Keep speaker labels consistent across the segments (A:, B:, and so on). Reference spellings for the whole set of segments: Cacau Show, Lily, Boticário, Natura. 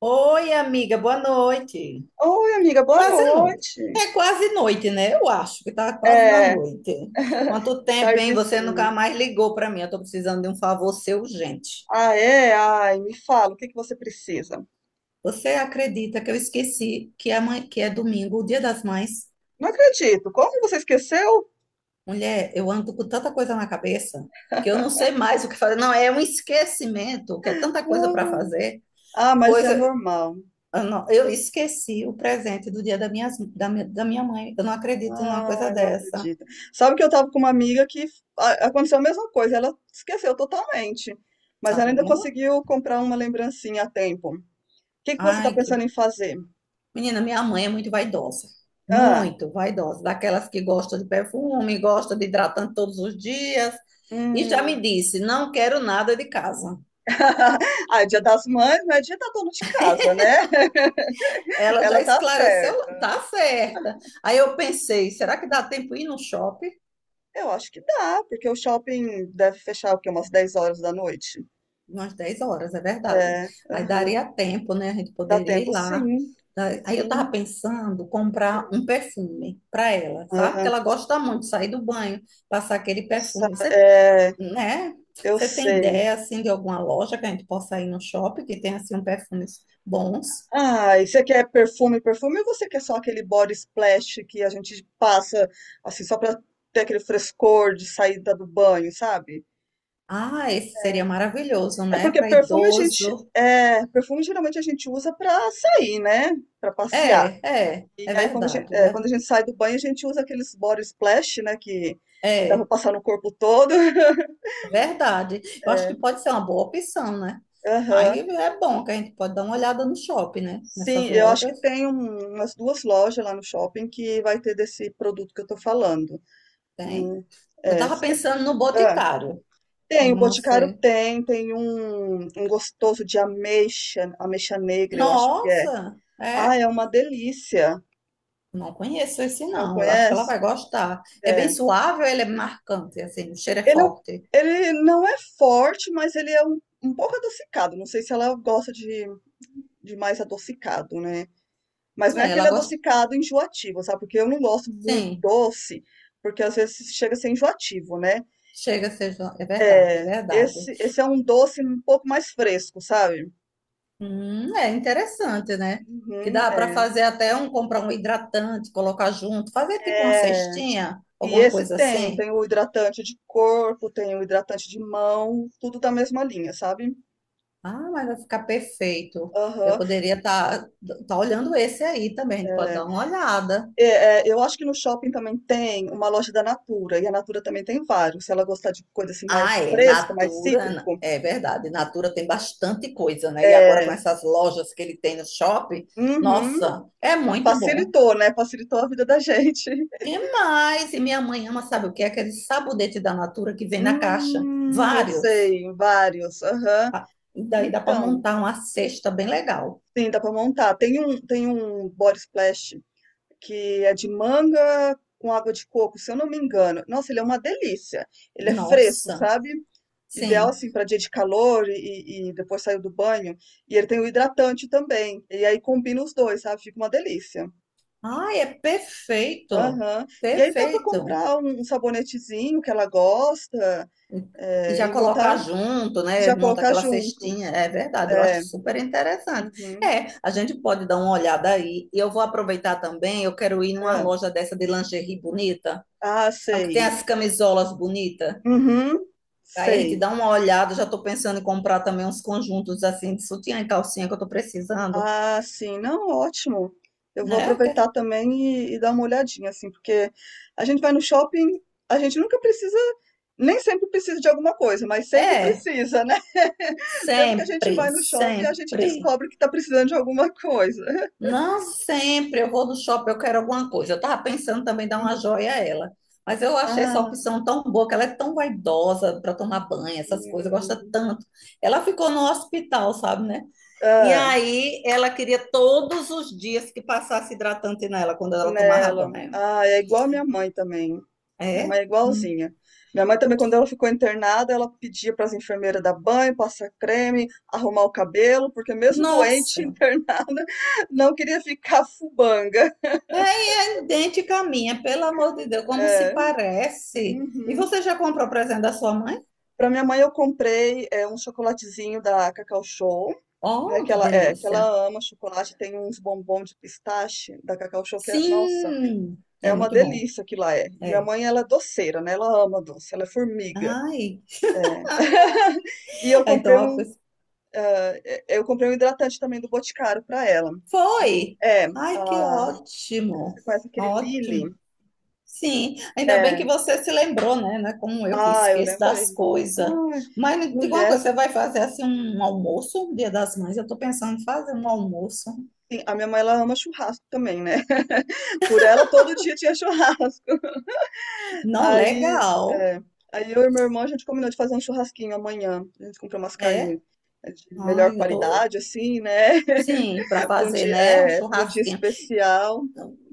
A: Oi, amiga, boa noite.
B: Oi, amiga, boa
A: Quase noite.
B: noite.
A: É quase noite, né? Eu acho que tá quase na
B: É,
A: noite. Quanto tempo, hein? Você nunca
B: tardezinho.
A: mais ligou para mim. Eu tô precisando de um favor seu urgente.
B: Ah, é? Ai, me fala, o que que você precisa?
A: Você acredita que eu esqueci que é, mãe, que é domingo, o Dia das Mães?
B: Não acredito. Como você esqueceu?
A: Mulher, eu ando com tanta coisa na cabeça que eu não sei mais o que fazer. Não, é um esquecimento, que é tanta coisa para
B: Hum.
A: fazer.
B: Ah, mas
A: Pois
B: é
A: eu,
B: normal.
A: eu esqueci o presente do dia da minha mãe. Eu não acredito numa coisa
B: Ai, não
A: dessa.
B: acredito. Sabe que eu tava com uma amiga que aconteceu a mesma coisa, ela esqueceu totalmente, mas
A: Tá
B: ela ainda
A: vendo?
B: conseguiu comprar uma lembrancinha a tempo. O que que você tá
A: Ai.
B: pensando em fazer?
A: Menina, minha mãe é muito vaidosa.
B: Ah,
A: Muito vaidosa. Daquelas que gosta de perfume, gosta de hidratante todos os dias. E já me
B: hum.
A: disse, não quero nada de casa.
B: Ah, é Dia das Mães, não é dia da dona de casa, né?
A: Ela já
B: Ela tá certa.
A: esclareceu, tá certa. Aí eu pensei, será que dá tempo ir no shopping?
B: Eu acho que dá, porque o shopping deve fechar o quê? Umas 10 horas da noite.
A: Umas 10 horas, é verdade.
B: É,
A: Aí
B: aham.
A: daria tempo, né? A gente
B: Dá
A: poderia ir
B: tempo
A: lá.
B: sim.
A: Aí eu tava
B: Sim.
A: pensando comprar um perfume para ela, sabe? Porque
B: Aham.
A: ela gosta muito de sair do banho, passar aquele
B: Nossa,
A: perfume. Você
B: é,
A: né?
B: eu
A: Você tem
B: sei.
A: ideia assim de alguma loja que a gente possa ir no shopping que tenha assim um perfumes bons?
B: Ah, e você quer perfume, perfume, ou você quer só aquele body splash que a gente passa assim só pra ter aquele frescor de saída do banho, sabe?
A: Ah, esse seria maravilhoso,
B: É
A: né?
B: porque
A: Para
B: perfume a gente,
A: idoso.
B: é, perfume geralmente a gente usa pra sair, né? Pra passear.
A: É, é,
B: E
A: é
B: aí, quando a gente,
A: verdade, é
B: é, quando a
A: verdade.
B: gente sai do banho, a gente usa aqueles body splash, né? Que dá pra
A: É,
B: passar no corpo todo.
A: é verdade. Eu acho que pode ser uma boa opção, né? Aí
B: Aham.
A: é bom que a gente pode dar uma olhada no shopping, né?
B: Sim,
A: Nessas
B: eu acho que
A: lojas
B: tem umas duas lojas lá no shopping que vai ter desse produto que eu tô falando.
A: tem.
B: Hum,
A: Eu
B: é,
A: tava pensando no
B: ah,
A: Boticário,
B: tem, o
A: não
B: Boticário
A: sei.
B: tem, tem um, um gostoso de ameixa, ameixa negra, eu acho que é.
A: Nossa,
B: Ah,
A: é?
B: é uma delícia.
A: Não conheço esse,
B: Não
A: não. Eu acho que ela
B: conhece?
A: vai gostar. É bem
B: É.
A: suave ou ele é marcante, assim, o cheiro é
B: Ele,
A: forte?
B: ele não é forte, mas ele é um, um pouco adocicado. Não sei se ela gosta de mais adocicado, né? Mas não é
A: É,
B: aquele
A: ela gosta,
B: adocicado enjoativo, sabe? Porque eu não gosto muito
A: sim.
B: doce, porque às vezes chega a ser enjoativo, né?
A: Chega a ser... jo- É verdade, é
B: É,
A: verdade.
B: esse é um doce um pouco mais fresco, sabe?
A: É interessante, né? Que
B: Uhum,
A: dá para
B: é.
A: fazer até um, comprar um hidratante, colocar junto, fazer tipo uma
B: É,
A: cestinha,
B: e
A: alguma
B: esse
A: coisa
B: tem,
A: assim.
B: tem o hidratante de corpo, tem o hidratante de mão, tudo da mesma linha, sabe?
A: Ah, mas vai ficar perfeito. Eu
B: Aham,
A: poderia tá olhando esse aí também, pode
B: é.
A: dar uma olhada.
B: É, é, eu acho que no shopping também tem uma loja da Natura, e a Natura também tem vários. Se ela gostar de coisa assim
A: Ah,
B: mais
A: é.
B: fresca, mais cítrico,
A: É verdade. Natura tem bastante coisa, né? E agora com
B: é,
A: essas lojas que ele tem no shopping,
B: uhum.
A: nossa, é muito bom.
B: Facilitou, né, facilitou a vida da gente.
A: E mais, minha mãe ama, sabe o que? Aquele sabonete da Natura que vem na caixa.
B: Eu
A: Vários.
B: sei, vários. Aham.
A: Ah, e daí dá para
B: Então,
A: montar uma cesta bem legal.
B: sim, dá para montar. Tem um body splash que é de manga com água de coco, se eu não me engano. Nossa, ele é uma delícia. Ele é fresco,
A: Nossa,
B: sabe? Ideal
A: sim.
B: assim para dia de calor e depois saiu do banho. E ele tem o hidratante também. E aí combina os dois, sabe? Fica uma delícia.
A: Ai, é perfeito.
B: Aham. E aí dá para
A: Perfeito.
B: comprar um, um sabonetezinho que ela gosta.
A: E já
B: É, e
A: colocar
B: montar
A: junto,
B: e
A: né?
B: já
A: Monta
B: colocar
A: aquela
B: junto.
A: cestinha. É verdade, eu acho
B: É,
A: super interessante.
B: uhum,
A: É, a gente pode dar uma olhada aí. E eu vou aproveitar também, eu quero ir numa
B: é.
A: loja dessa de lingerie bonita.
B: Ah,
A: Sabe que tem
B: sei.
A: as camisolas bonitas?
B: Uhum,
A: Aí a gente
B: sei.
A: dá uma olhada, já estou pensando em comprar também uns conjuntos assim de sutiã e calcinha que eu estou precisando,
B: Ah, sim. Não, ótimo. Eu vou
A: né?
B: aproveitar também e dar uma olhadinha, assim, porque a gente vai no shopping, a gente nunca precisa, nem sempre precisa de alguma coisa, mas sempre
A: É,
B: precisa, né? Sempre que a gente
A: sempre,
B: vai no shopping, a gente
A: sempre.
B: descobre que está precisando de alguma coisa.
A: Não sempre eu vou no shopping, eu quero alguma coisa. Eu estava pensando também em dar uma
B: Hum,
A: joia a ela. Mas eu achei essa
B: ah,
A: opção tão boa, que ela é tão vaidosa para tomar banho, essas coisas, gosta
B: hum,
A: tanto. Ela ficou no hospital, sabe, né? E aí ela queria todos os dias que passasse hidratante nela quando ela tomava
B: nela.
A: banho.
B: Ah, é igual a minha mãe também. Minha mãe
A: É?
B: é
A: Hum.
B: igualzinha. Minha mãe também, quando ela ficou internada, ela pedia para as enfermeiras dar banho, passar creme, arrumar o cabelo, porque mesmo doente,
A: Nossa,
B: internada, não queria ficar fubanga.
A: é idêntica à minha, pelo amor de Deus, como se parece. E
B: Uhum.
A: você já comprou o presente da sua mãe?
B: Para minha mãe, eu comprei é, um chocolatezinho da Cacau Show, né?
A: Oh,
B: Que
A: que
B: ela, é, que
A: delícia.
B: ela ama chocolate. Tem uns bombom de pistache da Cacau Show que é, nossa,
A: Sim, é
B: é uma
A: muito bom.
B: delícia que lá é. E minha
A: É.
B: mãe, ela é doceira, né? Ela ama doce, ela é formiga.
A: Ai,
B: E eu
A: então
B: comprei um, eu comprei um hidratante também do Boticário pra ela.
A: foi.
B: É,
A: Ai, que
B: ah, você
A: ótimo.
B: conhece aquele Lily?
A: Ótimo. Sim, ainda bem que
B: É.
A: você se lembrou, né? Não é como eu que
B: Ah, eu
A: esqueço das
B: lembrei.
A: coisas.
B: Ai,
A: Mas me diga uma
B: mulher,
A: coisa, você vai fazer assim um almoço, um Dia das Mães? Eu tô pensando em fazer um almoço.
B: sim, a minha mãe ela ama churrasco também, né? Por ela todo dia tinha churrasco.
A: Não,
B: Aí,
A: legal.
B: é, aí eu e meu irmão a gente combinou de fazer um churrasquinho amanhã. A gente comprou umas carnes
A: É.
B: é, de melhor
A: Ai, eu tô.
B: qualidade, assim, né?
A: Sim, para
B: Para um
A: fazer,
B: dia,
A: né? Um
B: é, para um dia
A: churrasquinho.
B: especial.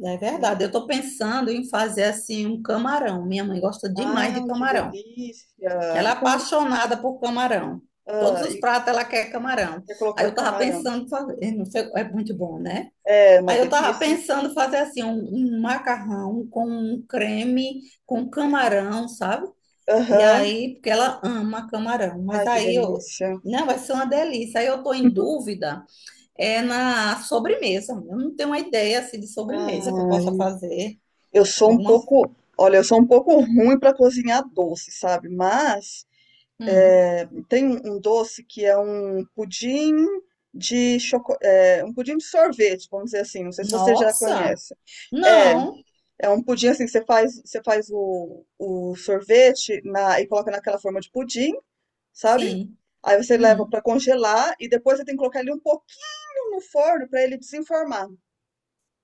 A: É
B: Né?
A: verdade, eu estou pensando em fazer assim um camarão. Minha mãe gosta demais de
B: Ah, que
A: camarão.
B: delícia!
A: Ela é
B: E como,
A: apaixonada por camarão. Todos
B: ah,
A: os pratos ela quer camarão.
B: quer
A: Aí
B: colocar
A: eu tava
B: camarão.
A: pensando em fazer, não sei, é muito bom, né?
B: É uma
A: Aí eu tava
B: delícia.
A: pensando em fazer assim um, macarrão com um creme com camarão, sabe? E
B: Aham.
A: aí, porque ela ama camarão, mas
B: Ai, que
A: aí eu
B: delícia.
A: não, vai ser uma delícia. Aí eu estou em dúvida, é na sobremesa. Eu não tenho uma ideia assim, de sobremesa que eu
B: Ai,
A: possa fazer.
B: eu sou um
A: Alguma?
B: pouco, olha, eu sou um pouco ruim para cozinhar doce, sabe? Mas
A: Hum.
B: é, tem um um doce que é um pudim de choco, é, um pudim de sorvete, vamos dizer assim. Não sei se você já
A: Nossa!
B: conhece. É,
A: Não!
B: é um pudim assim que você faz o sorvete na, e coloca naquela forma de pudim, sabe?
A: Sim.
B: Aí você leva
A: Hum.
B: para congelar e depois você tem que colocar ele um pouquinho no forno para ele desenformar.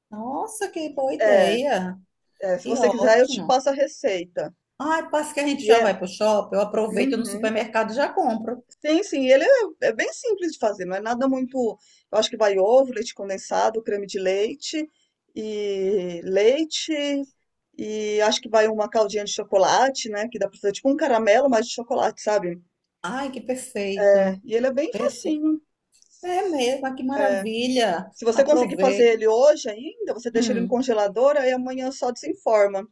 A: Nossa, que boa
B: É,
A: ideia!
B: é, se
A: Que
B: você quiser, eu te
A: ótimo!
B: passo a receita.
A: Ai, parece que a gente
B: E
A: já
B: é.
A: vai pro shopping, eu aproveito no
B: Uhum.
A: supermercado e já compro.
B: Sim, sim, ele é, é bem simples de fazer, não é nada muito. Eu acho que vai ovo, leite condensado, creme de leite e leite. E acho que vai uma caldinha de chocolate, né? Que dá pra fazer tipo um caramelo, mas de chocolate, sabe?
A: Ai, que
B: É,
A: perfeito!
B: e ele é bem
A: Perfe-
B: facinho.
A: É mesmo, ah, que maravilha!
B: Se você conseguir fazer
A: Aproveito.
B: ele hoje ainda, você deixa ele no
A: Hum.
B: congelador, aí amanhã só desenforma.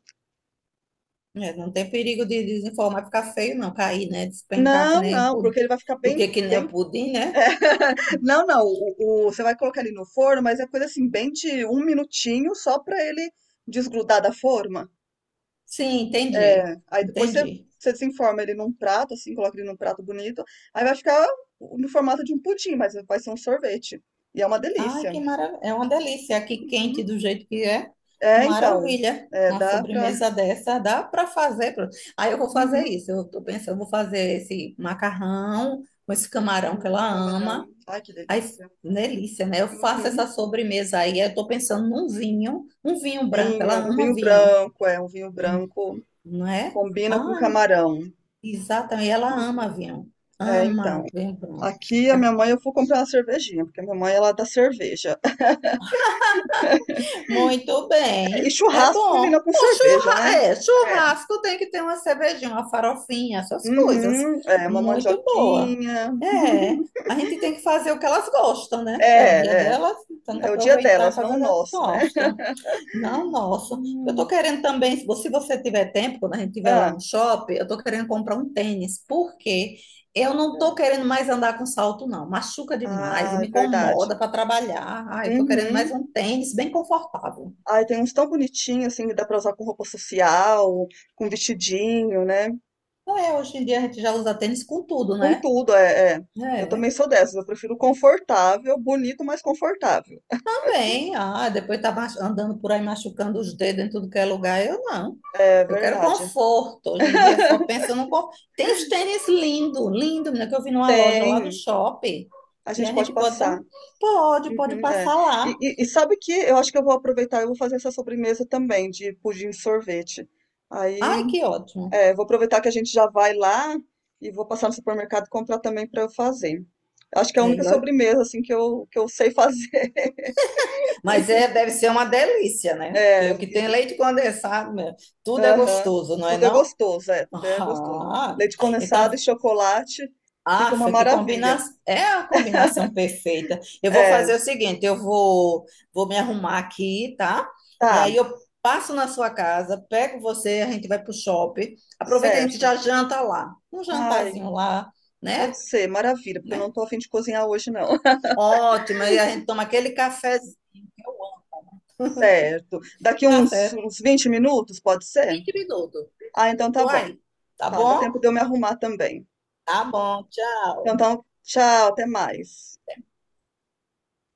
A: É, não tem perigo de desinformar, ficar feio, não, cair, né? Despencar que
B: Não,
A: nem
B: não,
A: pudim.
B: porque ele vai ficar
A: O
B: bem,
A: que que nem o
B: bem
A: pudim, né?
B: Não, não. Você vai colocar ele no forno, mas é coisa assim, bem de um minutinho só pra ele desgrudar da forma.
A: Sim, entendi.
B: É, aí depois você,
A: Entendi.
B: você desenforma ele num prato, assim, coloca ele num prato bonito. Aí vai ficar no formato de um pudim, mas vai ser um sorvete. E é uma
A: Ai,
B: delícia.
A: que maravilha. É uma delícia. É aqui quente
B: Uhum.
A: do jeito que é.
B: É, então.
A: Maravilha.
B: É,
A: Uma
B: dá pra.
A: sobremesa dessa dá para fazer. Aí eu vou fazer
B: Uhum,
A: isso. Eu tô pensando, eu vou fazer esse macarrão com esse camarão que
B: uhum, com
A: ela
B: camarão.
A: ama.
B: Ai, que
A: Aí,
B: delícia.
A: delícia, né? Eu faço essa
B: Uhum.
A: sobremesa aí. Eu tô pensando num vinho, um vinho branco. Ela
B: Vinho, um
A: ama
B: vinho
A: vinho,
B: branco, é, um vinho branco
A: não é?
B: combina com
A: Ah,
B: camarão.
A: exatamente. Ela ama
B: Uhum.
A: vinho.
B: É, então.
A: Ama vinho branco.
B: Aqui a minha mãe eu fui comprar uma cervejinha, porque a minha mãe ela dá cerveja.
A: Muito
B: É, e
A: bem, é
B: churrasco
A: bom.
B: combina com cerveja, né? É.
A: Churrasco tem que ter uma cervejinha, uma farofinha, essas coisas.
B: Uhum, é, uma
A: Muito boa.
B: mandioquinha.
A: É, a gente tem que fazer o que elas gostam, né? É o dia
B: É, é.
A: delas, então tem que
B: É o dia
A: aproveitar e
B: delas,
A: fazer
B: não
A: o
B: o
A: que elas
B: nosso, né?
A: gostam. Não, nossa. Eu tô
B: Hum.
A: querendo também, se você tiver tempo, quando a gente estiver lá
B: Ah,
A: no shopping, eu tô querendo comprar um tênis, porque eu não
B: é.
A: tô querendo mais andar com salto, não. Machuca demais e
B: Ah, é
A: me
B: verdade.
A: incomoda para trabalhar. Ai, eu tô querendo mais
B: Uhum.
A: um tênis bem confortável.
B: Ai, tem uns tão bonitinhos, assim, que dá pra usar com roupa social, com vestidinho, né?
A: Não é, hoje em dia a gente já usa tênis com tudo,
B: Com
A: né?
B: tudo, é, é. Eu
A: É.
B: também sou dessas, eu prefiro confortável, bonito, mas confortável.
A: Também, ah, depois tá andando por aí machucando os dedos em tudo que é lugar, eu não.
B: É
A: Eu quero
B: verdade.
A: conforto. Hoje em dia é só pensa no conforto. Tem os tênis lindo, lindo, menina, que eu vi numa loja lá no
B: Tem,
A: shopping.
B: a
A: E
B: gente
A: a
B: pode
A: gente pode dar?
B: passar.
A: Pode, pode
B: Uhum, é.
A: passar lá.
B: E sabe que eu acho que eu vou aproveitar, eu vou fazer essa sobremesa também de pudim de sorvete. Aí,
A: Ai, que ótimo.
B: é, vou aproveitar que a gente já vai lá e vou passar no supermercado e comprar também para eu fazer. Acho que é a
A: É,
B: única sobremesa assim que eu sei fazer.
A: mas é, deve ser uma delícia, né?
B: É,
A: Porque o que
B: e
A: tem leite condensado, meu, tudo é
B: aham.
A: gostoso, não é
B: Tudo é
A: não?
B: gostoso, é, tudo é gostoso.
A: Ah,
B: Leite condensado e
A: então.
B: chocolate fica
A: Ah,
B: uma
A: que combina...
B: maravilha.
A: É a combinação perfeita. Eu vou
B: É,
A: fazer o seguinte, eu vou me arrumar aqui, tá? E
B: tá,
A: aí eu passo na sua casa, pego você, a gente vai pro shopping. Aproveita, a gente
B: certo.
A: já janta lá. Um
B: Ai,
A: jantarzinho lá,
B: pode
A: né?
B: ser, maravilha, porque eu não
A: Né?
B: tô a fim de cozinhar hoje, não.
A: Ótimo. E a gente toma aquele cafezinho que eu amo.
B: Certo. Daqui
A: Tá
B: uns,
A: certo.
B: uns 20 minutos, pode ser?
A: 20 minutos. vinte
B: Ah, então
A: minutos,
B: tá
A: tô
B: bom.
A: aí. Tá
B: Tá, dá tempo
A: bom?
B: de eu me arrumar também.
A: Tá bom.
B: Então,
A: Tchau.
B: tá, tchau, até mais.